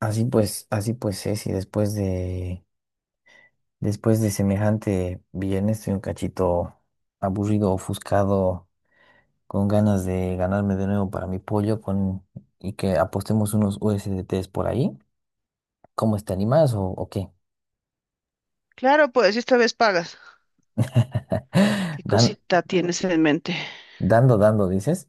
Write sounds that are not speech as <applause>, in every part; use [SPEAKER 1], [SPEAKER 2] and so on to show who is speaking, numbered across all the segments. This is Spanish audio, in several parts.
[SPEAKER 1] Así pues es, y después de semejante viernes estoy un cachito aburrido, ofuscado, con ganas de ganarme de nuevo para mi pollo con, y que apostemos unos USDTs por ahí. ¿Cómo te animas o qué?
[SPEAKER 2] Claro, pues si esta vez pagas.
[SPEAKER 1] <laughs>
[SPEAKER 2] ¿Qué
[SPEAKER 1] Dan-
[SPEAKER 2] cosita tienes en mente?
[SPEAKER 1] dando, dices.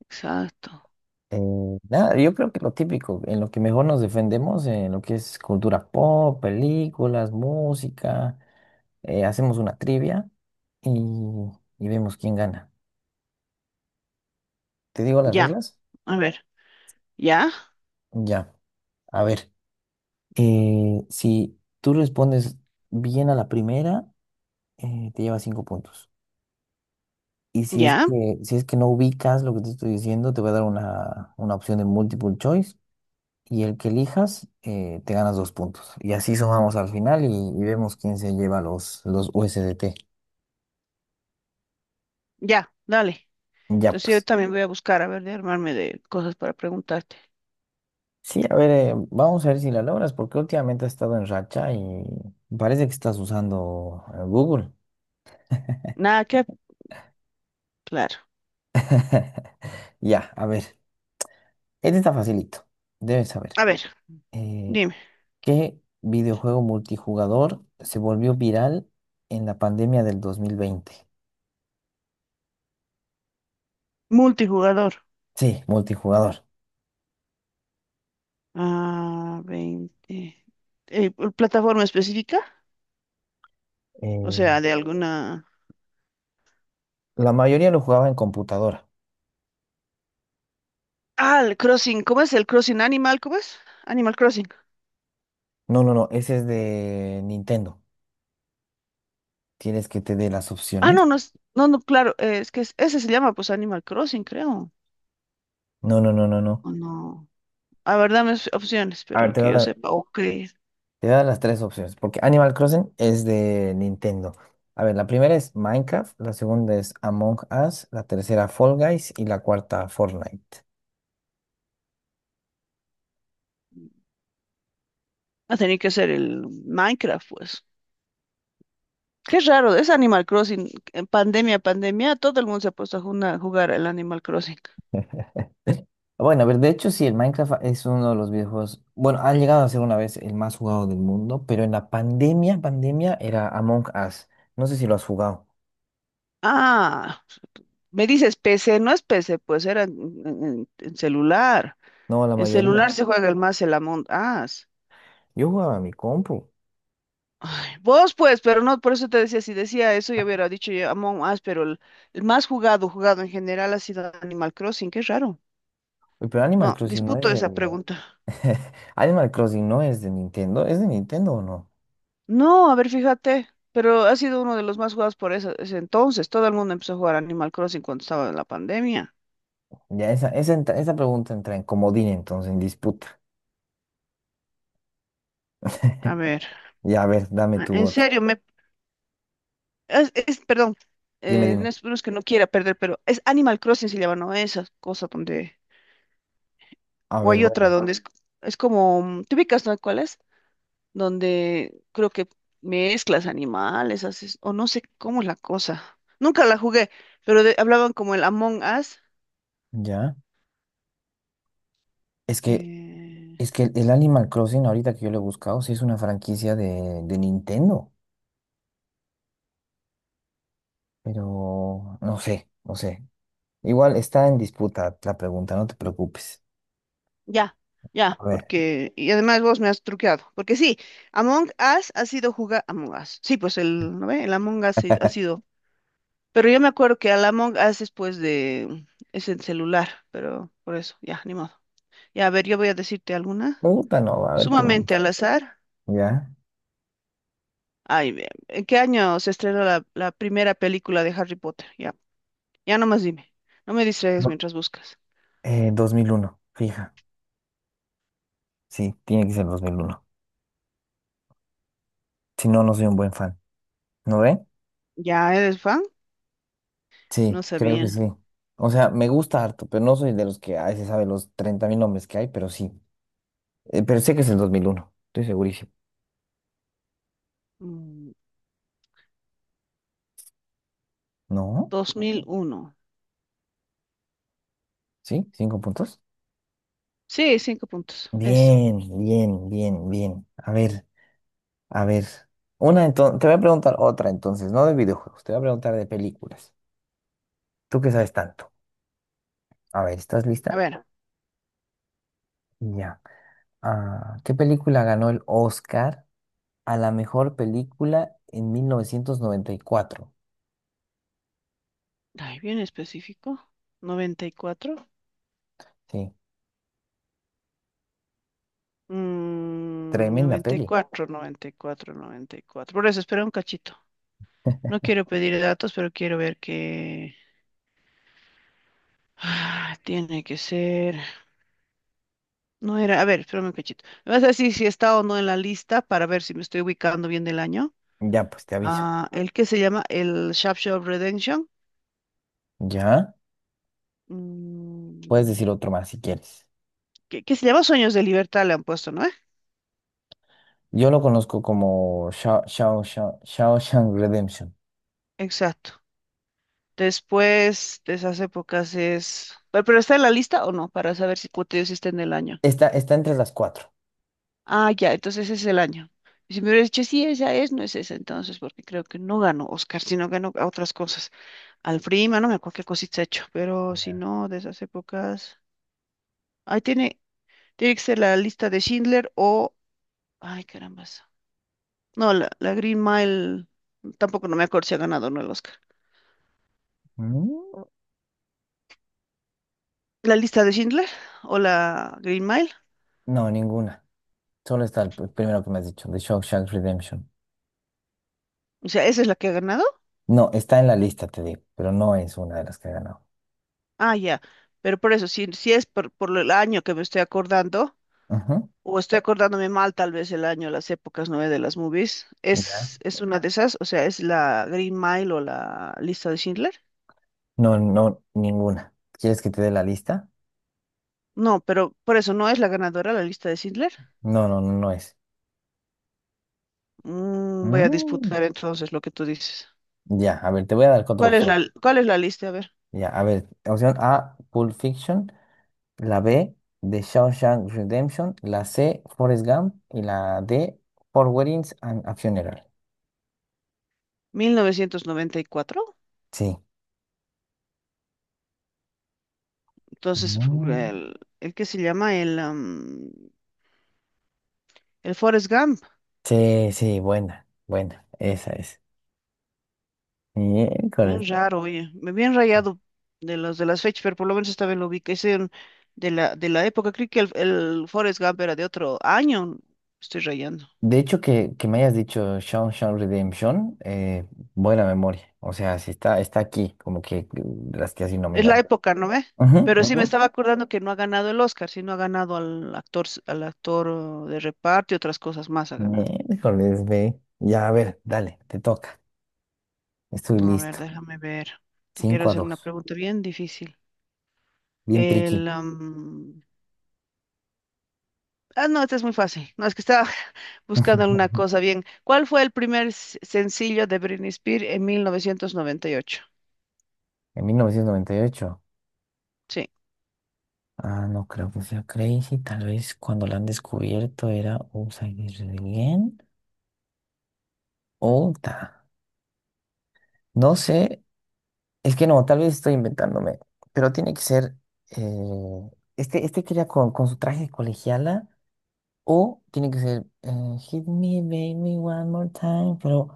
[SPEAKER 2] Exacto.
[SPEAKER 1] Eh, nada, yo creo que lo típico, en lo que mejor nos defendemos, en lo que es cultura pop, películas, música, hacemos una trivia y, y vemos quién gana. ¿Te digo las
[SPEAKER 2] Ya,
[SPEAKER 1] reglas?
[SPEAKER 2] a ver, ya,
[SPEAKER 1] Ya. A ver, si tú respondes bien a la primera, te llevas cinco puntos. Y si es
[SPEAKER 2] ya,
[SPEAKER 1] que, si es que no ubicas lo que te estoy diciendo, te voy a dar una opción de multiple choice. Y el que elijas, te ganas dos puntos. Y así sumamos al final y vemos quién se lleva los USDT.
[SPEAKER 2] ya, dale.
[SPEAKER 1] Ya
[SPEAKER 2] Entonces yo
[SPEAKER 1] pues.
[SPEAKER 2] también voy a buscar, a ver, de armarme de cosas para preguntarte.
[SPEAKER 1] Sí, a ver, vamos a ver si la logras, porque últimamente has estado en racha y parece que estás usando Google.
[SPEAKER 2] Nada que, claro.
[SPEAKER 1] <laughs> Ya, a ver. Este está facilito, debes saber.
[SPEAKER 2] A ver,
[SPEAKER 1] Eh,
[SPEAKER 2] dime,
[SPEAKER 1] ¿qué videojuego multijugador se volvió viral en la pandemia del 2020?
[SPEAKER 2] multijugador.
[SPEAKER 1] Sí, multijugador.
[SPEAKER 2] Ah, 20. Eh, ¿Plataforma específica? O
[SPEAKER 1] Eh,
[SPEAKER 2] sea, de alguna...
[SPEAKER 1] la mayoría lo jugaba en computadora.
[SPEAKER 2] Ah, el Crossing, ¿cómo es? ¿El Crossing Animal? ¿Cómo es? Animal Crossing.
[SPEAKER 1] No, no, no, ese es de Nintendo. ¿Quieres que te dé las
[SPEAKER 2] Ah, no,
[SPEAKER 1] opciones?
[SPEAKER 2] no, no, no, claro, es que ese se llama pues Animal Crossing, creo.
[SPEAKER 1] No, no, no, no, no.
[SPEAKER 2] ¿O no? A ver, dame opciones,
[SPEAKER 1] A ver,
[SPEAKER 2] pero
[SPEAKER 1] te voy
[SPEAKER 2] que
[SPEAKER 1] a
[SPEAKER 2] yo
[SPEAKER 1] dar,
[SPEAKER 2] sepa. Ok.
[SPEAKER 1] te voy a dar las tres opciones, porque Animal Crossing es de Nintendo. A ver, la primera es Minecraft, la segunda es Among Us, la tercera Fall Guys y la cuarta Fortnite.
[SPEAKER 2] Va a tener que ser el Minecraft, pues. Qué raro, es Animal Crossing. En pandemia, pandemia, todo el mundo se ha puesto a jugar el Animal Crossing.
[SPEAKER 1] Bueno, a ver, de hecho sí, el Minecraft es uno de los videojuegos, bueno, ha llegado a ser una vez el más jugado del mundo, pero en la pandemia era Among Us. No sé si lo has jugado,
[SPEAKER 2] Ah, me dices PC, no es PC, pues era en celular.
[SPEAKER 1] no, la
[SPEAKER 2] En celular
[SPEAKER 1] mayoría.
[SPEAKER 2] se juega el más el Among Us.
[SPEAKER 1] Yo jugaba a mi compu.
[SPEAKER 2] Ay, vos pues, pero no, por eso te decía, si decía eso yo hubiera dicho yo Among Us, pero el más jugado, jugado en general ha sido Animal Crossing, qué raro.
[SPEAKER 1] Uy, pero
[SPEAKER 2] No,
[SPEAKER 1] Animal Crossing no es
[SPEAKER 2] disputo
[SPEAKER 1] de—
[SPEAKER 2] esa pregunta.
[SPEAKER 1] <laughs> Animal Crossing no es de Nintendo. ¿Es de Nintendo o no?
[SPEAKER 2] No, a ver, fíjate, pero ha sido uno de los más jugados por ese, ese entonces. Todo el mundo empezó a jugar Animal Crossing cuando estaba en la pandemia.
[SPEAKER 1] Ya, esa pregunta entra en comodín entonces, en disputa.
[SPEAKER 2] A ver,
[SPEAKER 1] Ya, a ver, dame tu
[SPEAKER 2] en
[SPEAKER 1] otra.
[SPEAKER 2] serio, perdón,
[SPEAKER 1] Dime,
[SPEAKER 2] no
[SPEAKER 1] dime.
[SPEAKER 2] es, no es que no quiera perder, pero es Animal Crossing se llama, ¿no? Esa cosa donde,
[SPEAKER 1] A
[SPEAKER 2] o
[SPEAKER 1] ver,
[SPEAKER 2] hay otra
[SPEAKER 1] bueno,
[SPEAKER 2] donde es como, ¿te ubicas, no? ¿Cuál es? Donde creo que mezclas animales, haces, o no sé cómo es la cosa. Nunca la jugué, pero hablaban como el Among Us.
[SPEAKER 1] ya. Es que,
[SPEAKER 2] eh,
[SPEAKER 1] es que el Animal Crossing, ahorita que yo lo he buscado, sí es una franquicia de Nintendo. Pero no sé, no sé. Igual está en disputa la pregunta, no te preocupes.
[SPEAKER 2] Ya, ya,
[SPEAKER 1] A ver,
[SPEAKER 2] porque, y además vos me has truqueado, porque sí, Among Us ha sido jugar, Among Us, sí, pues el, ¿no ve? El Among Us sí ha sido, pero yo me acuerdo que al Among Us es pues de, es en celular, pero por eso, ya, ni modo. Ya, a ver, yo voy a decirte alguna,
[SPEAKER 1] pregunta no, a ver qué me
[SPEAKER 2] sumamente
[SPEAKER 1] dices.
[SPEAKER 2] al azar,
[SPEAKER 1] ¿Ya?
[SPEAKER 2] ay, ¿en qué año se estrenó la primera película de Harry Potter? Ya, ya nomás dime, no me distraigas
[SPEAKER 1] Do-
[SPEAKER 2] mientras buscas.
[SPEAKER 1] dos mil uno fija. Sí, tiene que ser 2001. Si no, no soy un buen fan. ¿No ve?
[SPEAKER 2] ¿Ya eres fan?
[SPEAKER 1] Sí,
[SPEAKER 2] No
[SPEAKER 1] creo que
[SPEAKER 2] sabía.
[SPEAKER 1] sí. O sea, me gusta harto, pero no soy de los que, ay, se sabe los 30,000 nombres que hay, pero sí. Pero sé que es el 2001, estoy segurísimo.
[SPEAKER 2] Mm,
[SPEAKER 1] ¿No?
[SPEAKER 2] 2001.
[SPEAKER 1] ¿Sí? ¿Cinco puntos?
[SPEAKER 2] Sí, cinco puntos. Es.
[SPEAKER 1] Bien, bien, bien, bien. A ver, una entonces, te voy a preguntar otra entonces, no de videojuegos, te voy a preguntar de películas. Tú que sabes tanto. A ver, ¿estás
[SPEAKER 2] A
[SPEAKER 1] lista?
[SPEAKER 2] ver,
[SPEAKER 1] Ya. Ah, ¿qué película ganó el Oscar a la mejor película en 1994?
[SPEAKER 2] ay, bien específico. 94.
[SPEAKER 1] Sí,
[SPEAKER 2] Mm,
[SPEAKER 1] tremenda
[SPEAKER 2] noventa y
[SPEAKER 1] peli.
[SPEAKER 2] cuatro. noventa y cuatro, noventa y cuatro. Por eso, espera un cachito. No quiero pedir datos, pero quiero ver que... Ah, tiene que ser... No era... A ver, espérame un cachito. Me vas a decir si está o no en la lista para ver si me estoy ubicando bien del año.
[SPEAKER 1] Ya, pues te aviso.
[SPEAKER 2] Ah, el que se llama el Shop Redemption.
[SPEAKER 1] Ya, puedes
[SPEAKER 2] Mm,
[SPEAKER 1] decir otro más si quieres.
[SPEAKER 2] ¿qué se llama? Sueños de Libertad le han puesto, ¿no? ¿Eh?
[SPEAKER 1] Yo lo conozco como Shawshank Redemption.
[SPEAKER 2] Exacto. Después de esas épocas es... ¿Pero está en la lista o no? Para saber si, como te digo, si está en el año.
[SPEAKER 1] Está entre las cuatro.
[SPEAKER 2] Ah, ya, entonces ese es el año. Y si me hubiera dicho, sí, esa es, no es esa, entonces, porque creo que no ganó Oscar, sino ganó a otras cosas. Al Prima, no me acuerdo qué cosita ha hecho, pero si
[SPEAKER 1] Ya.
[SPEAKER 2] no, de esas épocas. Ahí tiene, tiene que ser la lista de Schindler o. Ay, carambas. No, la Green Mile. Tampoco no me acuerdo si ha ganado o no el Oscar.
[SPEAKER 1] Mm,
[SPEAKER 2] ¿La lista de Schindler o la Green Mile?
[SPEAKER 1] No ninguna. Solo está el primero que me has dicho, The Shawshank Redemption.
[SPEAKER 2] O sea, esa es la que ha ganado.
[SPEAKER 1] No, está en la lista, te digo, pero no es una de las que he ganado.
[SPEAKER 2] Ah, ya. Pero por eso, si, si es por el año que me estoy acordando,
[SPEAKER 1] Ujú.
[SPEAKER 2] o estoy acordándome mal tal vez el año, las épocas nueve de las movies,
[SPEAKER 1] Ya.
[SPEAKER 2] es una de esas, o sea, es la Green Mile o la lista de Schindler.
[SPEAKER 1] No, no, ninguna. ¿Quieres que te dé la lista?
[SPEAKER 2] No, pero por eso no es la ganadora la lista de Schindler.
[SPEAKER 1] No, no, no, no es.
[SPEAKER 2] Mm, voy a
[SPEAKER 1] Mm,
[SPEAKER 2] disputar entonces lo que tú dices.
[SPEAKER 1] Ya, a ver, te voy a dar otra opción.
[SPEAKER 2] ¿Cuál es la lista? A ver,
[SPEAKER 1] Ya, a ver, opción A, Pulp Fiction, la B, The Shawshank Redemption, la C, Forrest Gump y la D, Four Weddings and a Funeral.
[SPEAKER 2] 1994.
[SPEAKER 1] Sí.
[SPEAKER 2] Entonces,
[SPEAKER 1] Mm.
[SPEAKER 2] el que se llama el, am, el Forrest Gump.
[SPEAKER 1] Sí, sí, buena, buena, esa es. Bien.
[SPEAKER 2] Bien raro, oye, me bien rayado de los de las fechas, pero por lo menos esta vez lo vi, que es de de la época, creo que el Forrest Gump era de otro año, estoy rayando,
[SPEAKER 1] De hecho, que me hayas dicho Sean Redemption, buena memoria. O sea, sí está aquí, como que las que así
[SPEAKER 2] es la
[SPEAKER 1] nominada.
[SPEAKER 2] época, ¿no ve?
[SPEAKER 1] Ujú,
[SPEAKER 2] Pero sí, me
[SPEAKER 1] ujú.
[SPEAKER 2] estaba acordando que no ha ganado el Oscar, sí, no ha ganado al actor, al actor oh, de reparto y otras cosas más ha ganado.
[SPEAKER 1] Miércoles, ve. Ya, a ver, dale, te toca. Estoy
[SPEAKER 2] A ver,
[SPEAKER 1] listo.
[SPEAKER 2] déjame ver, te quiero
[SPEAKER 1] cinco a
[SPEAKER 2] hacer una
[SPEAKER 1] dos
[SPEAKER 2] pregunta bien difícil.
[SPEAKER 1] Bien tricky.
[SPEAKER 2] El, am, ah, no, esta es muy fácil, no, es que estaba, buscando alguna
[SPEAKER 1] <laughs>
[SPEAKER 2] cosa bien. ¿Cuál fue el primer sencillo de Britney Spears en 1998?
[SPEAKER 1] En 1998.
[SPEAKER 2] Sí,
[SPEAKER 1] Ah, no creo que sea Crazy. Tal vez cuando la han descubierto era Upside Down Again. O ta. No sé. Es que no, tal vez estoy inventándome, pero tiene que ser, eh, este que era con su traje de colegiala, o tiene que ser Hit Me Baby One More Time, pero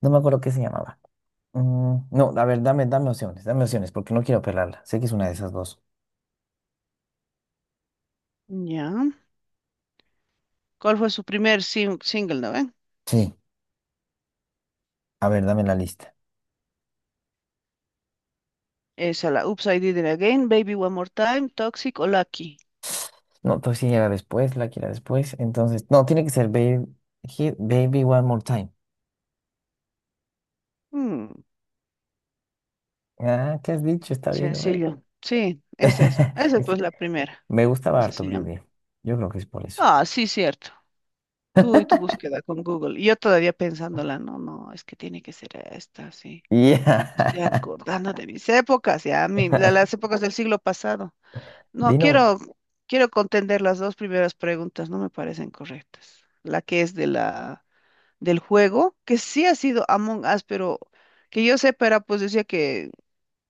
[SPEAKER 1] no me acuerdo qué se llamaba. No, a ver, dame opciones, porque no quiero pelarla. Sé que es una de esas dos.
[SPEAKER 2] ya. ¿Cuál fue su primer single, no ven?
[SPEAKER 1] Sí, a ver, dame la lista.
[SPEAKER 2] Esa, la Oops, I Did It Again, Baby One More Time, Toxic o Lucky.
[SPEAKER 1] No, pues sí, era después, la que era después. Entonces, no, tiene que ser Hit Baby One More Time.
[SPEAKER 2] Mm,
[SPEAKER 1] Ah, ¿qué has dicho? Está bien, ¿no?
[SPEAKER 2] sencillo. Sí, esa es. Esa pues
[SPEAKER 1] <laughs>
[SPEAKER 2] la primera.
[SPEAKER 1] Me gustaba
[SPEAKER 2] Esa
[SPEAKER 1] harto
[SPEAKER 2] se llama.
[SPEAKER 1] Britney. Yo creo que es por eso.
[SPEAKER 2] Ah, sí, cierto. Tú y tu
[SPEAKER 1] <laughs>
[SPEAKER 2] búsqueda con Google. Y yo todavía pensándola, no, no, es que tiene que ser esta, sí. Estoy
[SPEAKER 1] Ya.
[SPEAKER 2] acordando de mis épocas, ya, las
[SPEAKER 1] <laughs>
[SPEAKER 2] épocas del siglo pasado. No,
[SPEAKER 1] Dino,
[SPEAKER 2] quiero, quiero contender las dos primeras preguntas, no me parecen correctas. La que es de del juego, que sí ha sido Among Us, pero que yo sepa era, pues decía que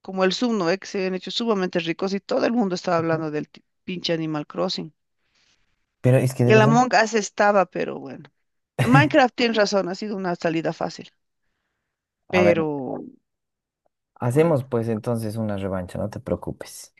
[SPEAKER 2] como el Zoom, ¿no? Que se habían hecho sumamente ricos y todo el mundo estaba
[SPEAKER 1] ujú,
[SPEAKER 2] hablando del pinche Animal Crossing.
[SPEAKER 1] pero es que de
[SPEAKER 2] Y el
[SPEAKER 1] verdad.
[SPEAKER 2] Among Us estaba, pero bueno. En Minecraft tienes razón, ha sido una salida fácil,
[SPEAKER 1] A ver,
[SPEAKER 2] pero
[SPEAKER 1] hacemos
[SPEAKER 2] bueno.
[SPEAKER 1] pues entonces una revancha, no te preocupes.